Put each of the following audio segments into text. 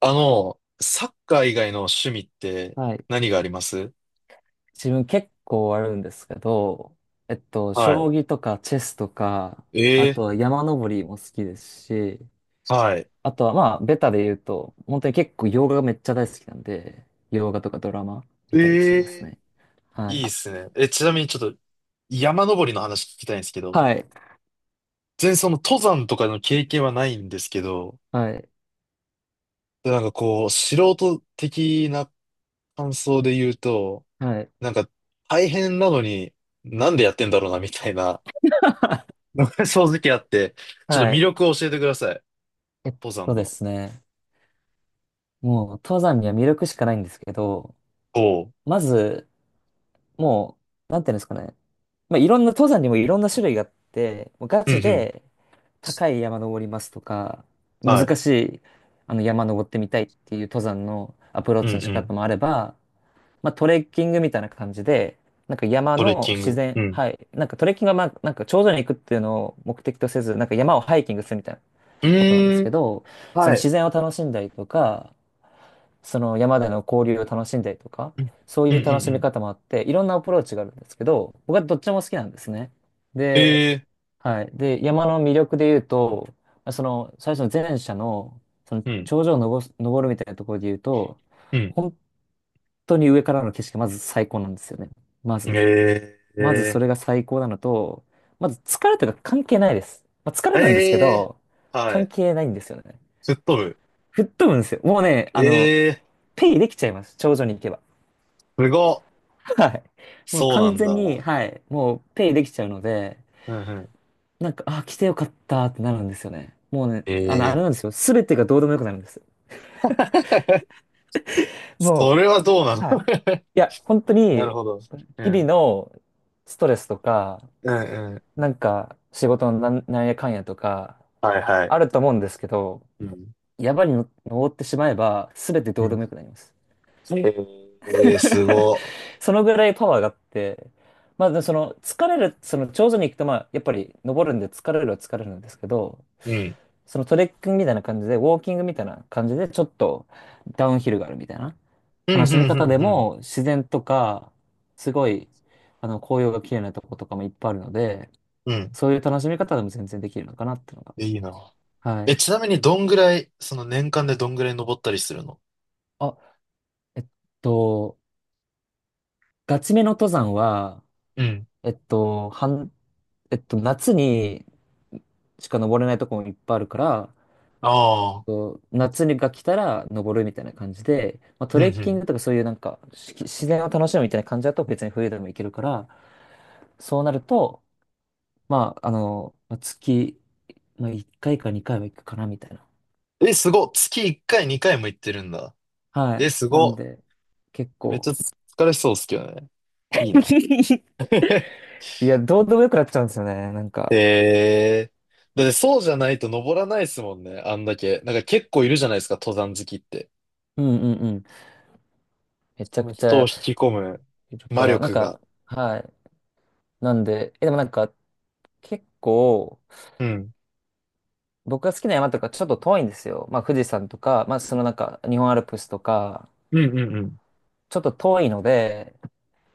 サッカー以外の趣味ってはい。何があります？自分結構あるんですけど、は将棋とかチェスとか、あい。とええ、は山登りも好きですし、はい。あとはまあ、ベタで言うと、本当に結構洋画がめっちゃ大好きなんで、洋画とかドラマ見たりしえますえ、ね。はい。いいっすね。え、ちなみにちょっと山登りの話聞きたいんですけど、はい。全然その登山とかの経験はないんですけど、はい。でなんかこう、素人的な感想で言うと、はい。なんか大変なのになんでやってんだろうなみたいな、正直あって、ちょっとは魅い。力を教えてください。えっ登山での。すね。もう、登山には魅力しかないんですけど、おう。まず、もう、なんていうんですかね。まあ、いろんな登山にもいろんな種類があって、もうガうんうチん。で高い山登りますとか、はい。難しいあの山登ってみたいっていう登山のアプローうんうチの仕方ん。もあれば、まあ、トレッキングみたいな感じで、なんか山トレッのキン自グ。う然、ん。はい。なんかトレッキングはまあ、なんか頂上に行くっていうのを目的とせず、なんか山をハイキングするみたいなうことなんですーけん。ど、そのはい。自然を楽しんだりとか、その山での交流を楽しんだりとか、うんそうういんう楽うんしうみん。方もあって、いろんなアプローチがあるんですけど、僕はどっちも好きなんですね。で、ええ、はい。で、山の魅力で言うと、その最初の前者の、そのうん。頂上を登るみたいなところで言うと、うん。本当に上からの景色がまず最高なんですよね。まず、え、えまずそれが最高なのと、まず疲れとか関係ないです。まあ、疲え、れるんですけええど、ー、は関い。係ないんですよね。吹っ飛ぶ。吹っ飛ぶんですよ。もうね、ええ、ペイできちゃいます。頂上に行けば。すごっ。はい。もうそうな完ん全に、だ。はい。もうペイできちゃうので、うんうん。なんか、あ、来てよかったってなるんですよね。もうね、あええ、れなんですよ。すべてがどうでもよくなるんです。もそれはどうなう、の？ はい。いや、本当 なるに、ほど。う日々ん。のストレスとか、うんうん。なんか、仕事のなんなんやかんやとか、はいはい。あると思うんですけど、うん。山に登ってしまえば、すべてうどうでん、もよくなります。ええ、すごっ。そのぐらいパワーがあって、まあ、でその疲れる、その頂上に行くと、まあ、やっぱり登るんで疲れるは疲れるんですけど、うん。そのトレッキングみたいな感じで、ウォーキングみたいな感じで、ちょっとダウンヒルがあるみたいなうん、楽うしみん、方でうん、も、自然とか、すごい、紅葉が綺麗なとことかもいっぱいあるので、うん。うん。そういう楽しみ方でも全然できるのかなっていうのが。いいな。はえ、い。ちなみにどんぐらい、その年間でどんぐらい登ったりするの？あ、えっと、ガチめの登山は、うん。えっと、半えっと、夏にしか登れないとこもいっぱいあるから、ああ。こう夏にが来たら登るみたいな感じで、まあ、トうん、うレッキンん、グとかそういうなんかし自然を楽しむみたいな感じだと別に冬でも行けるから、そうなると、まあ、まあ月、まあ、1回か2回は行くかなみたいな。え、すごっ。月1回、2回も行ってるんだ。はえ、い。すなごんっ。で、結めっ構。ちゃ疲れそうっすけどね。いいな。いや、どうでもよくなっちゃうんですよね。なんへ、か。えー。だってそうじゃないと登らないっすもんね、あんだけ。なんか結構いるじゃないですか、登山好きって。うんうんうん。めちこゃのくち人を引ゃき込むいる魔から、なん力が。か、はい。なんで、え、でもなんか、結構、うん。僕が好きな山とかちょっと遠いんですよ。まあ富士山とか、まあそのなんか日本アルプスとか、うんうんうん。ちょっと遠いので、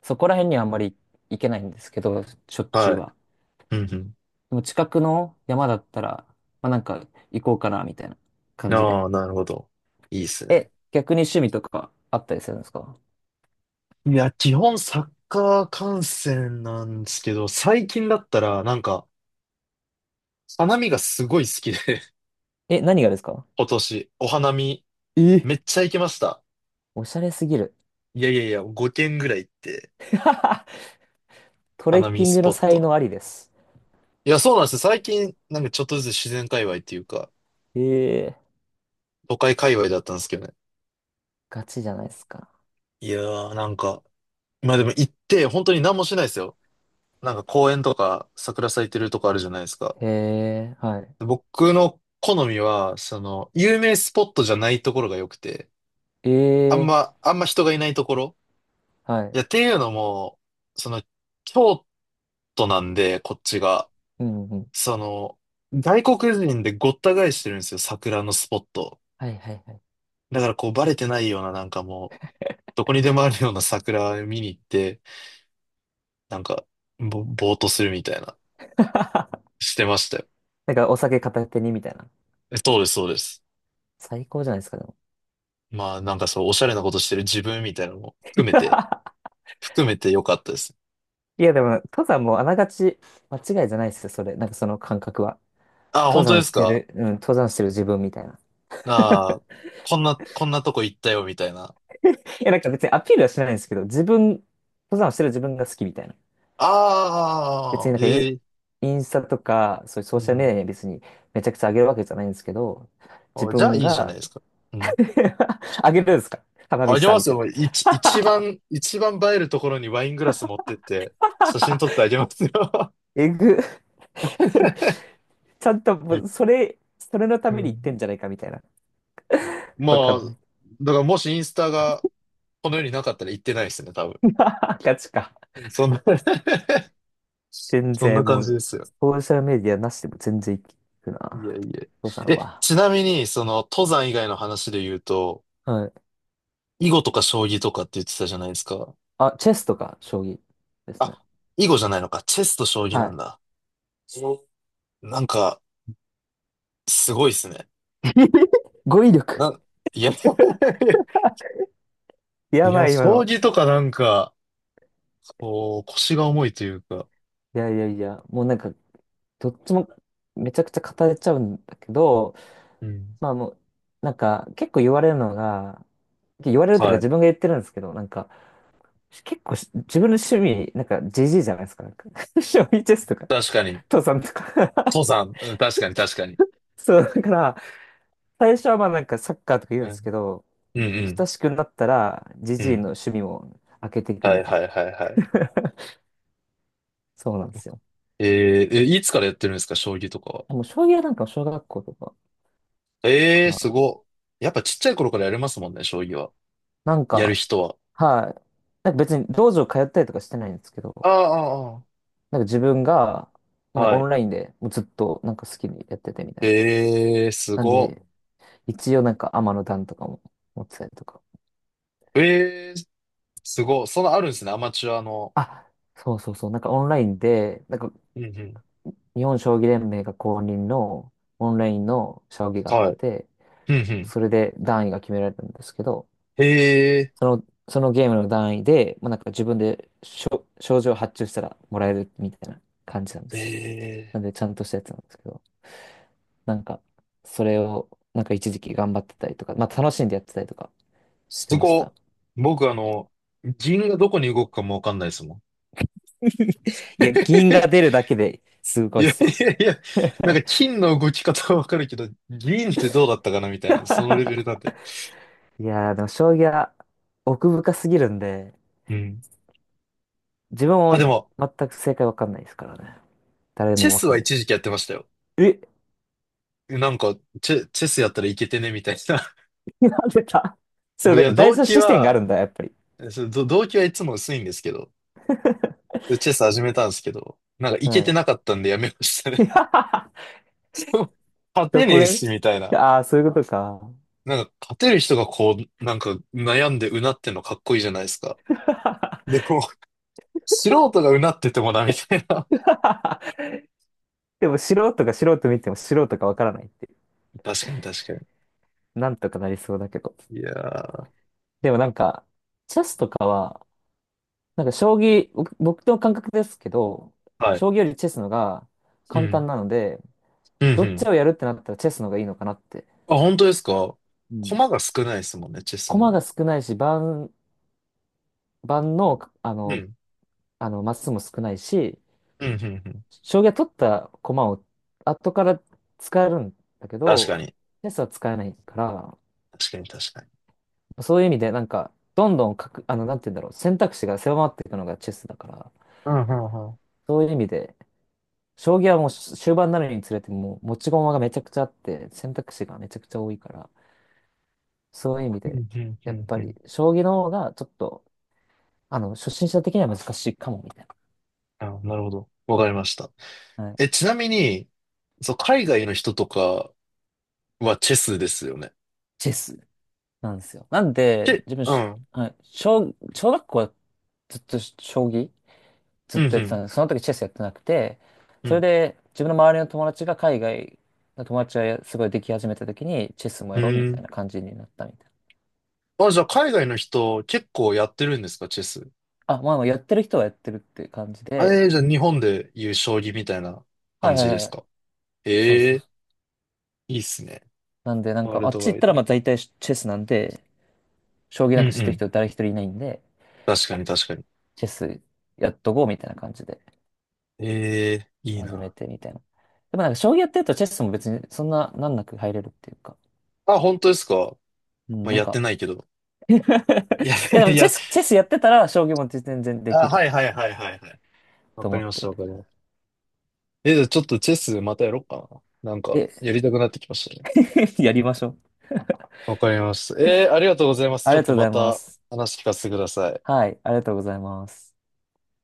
そこら辺にはあんまり行けないんですけど、しょっちゅはうい。は。うんうん。でも近くの山だったら、まあなんか行こうかなみたいな感じで。ああ、なるほど。いいっすね。え、逆に趣味とかあったりするんですか？いや、基本サッカー観戦なんですけど、最近だったらなんか、花見がすごい好きで、え、何がですか？ 今年、お花見え、めっちゃ行きました。おしゃれすぎる。いやいやいや、5軒ぐらい行って、トレ花ッ見キンスグポのッ才ト。能ありです。いや、そうなんですよ。最近、なんかちょっとずつ自然界隈っていうか、ええ、都会界隈だったんですけどね。ガチじゃないですか。いやー、なんか、まあでも行って、本当に何もしないですよ。なんか公園とか、桜咲いてるとこあるじゃないですか。ええ。はい。僕の好みは、その、有名スポットじゃないところが良くて、あんええ。ま、あんま人がいないところ。はい。いや、っていうのも、その、京都なんで、こっちが。うんうん。その、外国人でごった返してるんですよ、桜のスポット。はいはいはい。だからこうバレてないようななんかもう、どこにでもあるような桜見に行って、なんか、ぼーっとするみたいな、してましたよ。なんかお酒片手にみたいな。え、そうです、そうです。最高じゃないですか、でも。まあなんかそう、おしゃれなことしてる自分みたいなのも含めて、含めてよかったです。いや、でも、登山もあながち間違いじゃないですよ、それ。なんかその感覚は。ああ、登本当で山すしてか？る、うん、登山してる自分みたいな。ああー、こんな、こんなとこ行ったよ、みたいな。いや、なんか別にアピールはしないんですけど、自分、登山してる自分が好きみたいな。別にあなんかイン、あ、ええ、インスタとか、そういうソうーシャルメデん。ィアに別にめちゃくちゃ上げるわけじゃないんですけど、自あ、じゃあ分いいじゃないが ですか。うん、 上げるんですか？花見あしげたまみすたいよ。一番映えるところにワイングラス持ってって、写真な。撮ってあげますよ。えぐ。ちゃんと もう、え、それのたうめに言ってん、んじゃないかみたいな。わかまあ、んない。だからもしインスタがこの世になかったら行ってないですね、多分。ガチか。そんな 全そんな然感もじでう、すよ。ソーシャルメディアなしでも全然いくいやな。いや。父さんえ、は。ちなみに、その、登山以外の話で言うと、はい。囲碁とか将棋とかって言ってたじゃないですか。あ、チェスとか将棋ですね。あ、囲碁じゃないのか。チェスと将棋はなんい。だ。そうなんか、すごいっすね。語彙力。な、いや、いやや、ばい、今将の。棋とかなんか、こう、腰が重いというか、いやいやいや、もうなんか、どっちもめちゃくちゃ語れちゃうんだけど、うん。まあもう、なんか、結構言われるのが、言われるというかはい。自分が言ってるんですけど、なんか、結構し自分の趣味、なんかジ g じゃないですか。なんか 将棋チェスとか、確かに。父さんとか 登山。うん、確かに、確かに。そう、だから、最初はまあなんかサッカーとか言ううんですん。けど、うんう親ん。しくなったらジうジイのん。趣味も開けていくはみいたいはいはいはい。な。そうなんでよすく、よ。え、いつからやってるんですか、将棋とかは。でも将棋はなんか小学校とかええー、か。すごっ。やっぱちっちゃい頃からやれますもんね、将棋は。なんやるか、人は。はい。なんか別に道場通ったりとかしてないんですけあど、あ、なんか自分が、あなあ、んかはオい。ンラインでもうずっとなんか好きにやっててみたいな。ええー、すなんごで、っ。一応なんか天の段とかも持ってたりとか。ええー、すごっ。そのあるんですね、アマチュアの。あ、そうそうそう。なんかオンラインで、なんかうんうん。日本将棋連盟が公認のオンラインの将棋があっはい。て、うんうん。それで段位が決められたんですけど、ええそのゲームの段位で、まあ、なんか自分で賞状を発注したらもらえるみたいな感じなんでー、えすよ。なえんー。でちゃんとしたやつなんですけど、なんかそれをなんか一時期頑張ってたりとか、まあ楽しんでやってたりとかしすてましごっ。た。僕あの、銀がどこに動くかもわかんないですもん。いや、銀が出る だけですごいいっやいすわ。やいや、なんか金の動き方はわかるけど、銀ってどうだったかなみたいな、そのレベル なんで。いやー、でも将棋は奥深すぎるんで、うん。自分あ、もでも、全く正解わかんないですからね。誰チェもわスかはんない。一時期やってましたよ。え、なんか、チェスやったらいけてね、みたいな。なんでだ。 そもう、ういだかや、ら第動三機視点があるは、んだ、やっぱり。そう、動機はいつも薄いんですけど、チェス始めたんですけど、なんかいけはてない。かったんでやめましたね。そう、勝どてねこえへし、みたいな。あ。 あー、そういうことか。なんか、勝てる人がこう、なんか、悩んでうなってんのかっこいいじゃないですか。でも、素人がうなっててもな、みたいな。でも素人が素人見ても素人がわからないって 確かに確かなんとかなりそうだけど。に。いやー。でもなんか、チェスとかは、なんか将棋、僕の感覚ですけど、はい。将棋よりチェスのがう簡単ん。なので、うん、うどっちん。をやるってなったらチェスの方がいいのかなって。あ、本当ですか？うん。駒が少ないですもんね、チェスの方駒がが。少ないし、盤の、うん。マスも少ないし、うん、うん、うん。将棋は取った駒を後から使えるんだけ確かど、に。チェスは使えないから、確かに確かに。そういう意味でなんか、どんどんかく、なんて言うんだろう、選択肢が狭まっていくのがチェスだから、うん、うん、うん。そういう意味で、将棋はもう終盤になるにつれてもう持ち駒がめちゃくちゃあって、選択肢がめちゃくちゃ多いから、そういう意味うで、ん、うん、うやっん。ぱうん、り将棋の方がちょっと、初心者的には難しいかも、みたいあ、なるほど。わかりました。な。はい。え、ちなみに、そう、海外の人とかはチェスですよね。チェスなんですよ。なんチで、ェ、自分うし、ん。はい、小学校はずっと将棋ずうっん、うとやってたん。んです。その時チェスやってなくて、うそれん。で自分の周りの友達が海外の友達がすごいでき始めた時に、チェスもうやろうみたん、いな感じになったみたいあ、じゃあ海外の人結構やってるんですか、チェス。な。あ、まあやってる人はやってるって感じあで、えー、じゃあ日本でいう将棋みたいなは感いはじでいすはい。か。そうそえうそえう。ー、いいっすね。なんで、なんワーか、ルあっドち行ワっイたドらまあに。大体チェスなんで、将棋うなんんか知っうてるん。人誰一人いないんで、確かに確かに。チェスやっとこうみたいな感じで。ええー、いい初めな。てみたいな。でもなんか将棋やってるとチェスも別にそんな難なく入れるっていうか。あ、本当ですか。うん、まあ、なんやっか てないけど。いいや、や でいもチェや、ス、チェスやってたら将棋も全然できあ、るはいはいはいはいはい。わとか思りっまして。たわかりました。え、じゃあちょっとチェスまたやろうかな。なんか、え、やりたくなってきましたね。やりましょう。わかりました。えー、ありがとうございます。あちりょっがととうごまざいまたす。話聞かせてください。はい、ありがとうございます。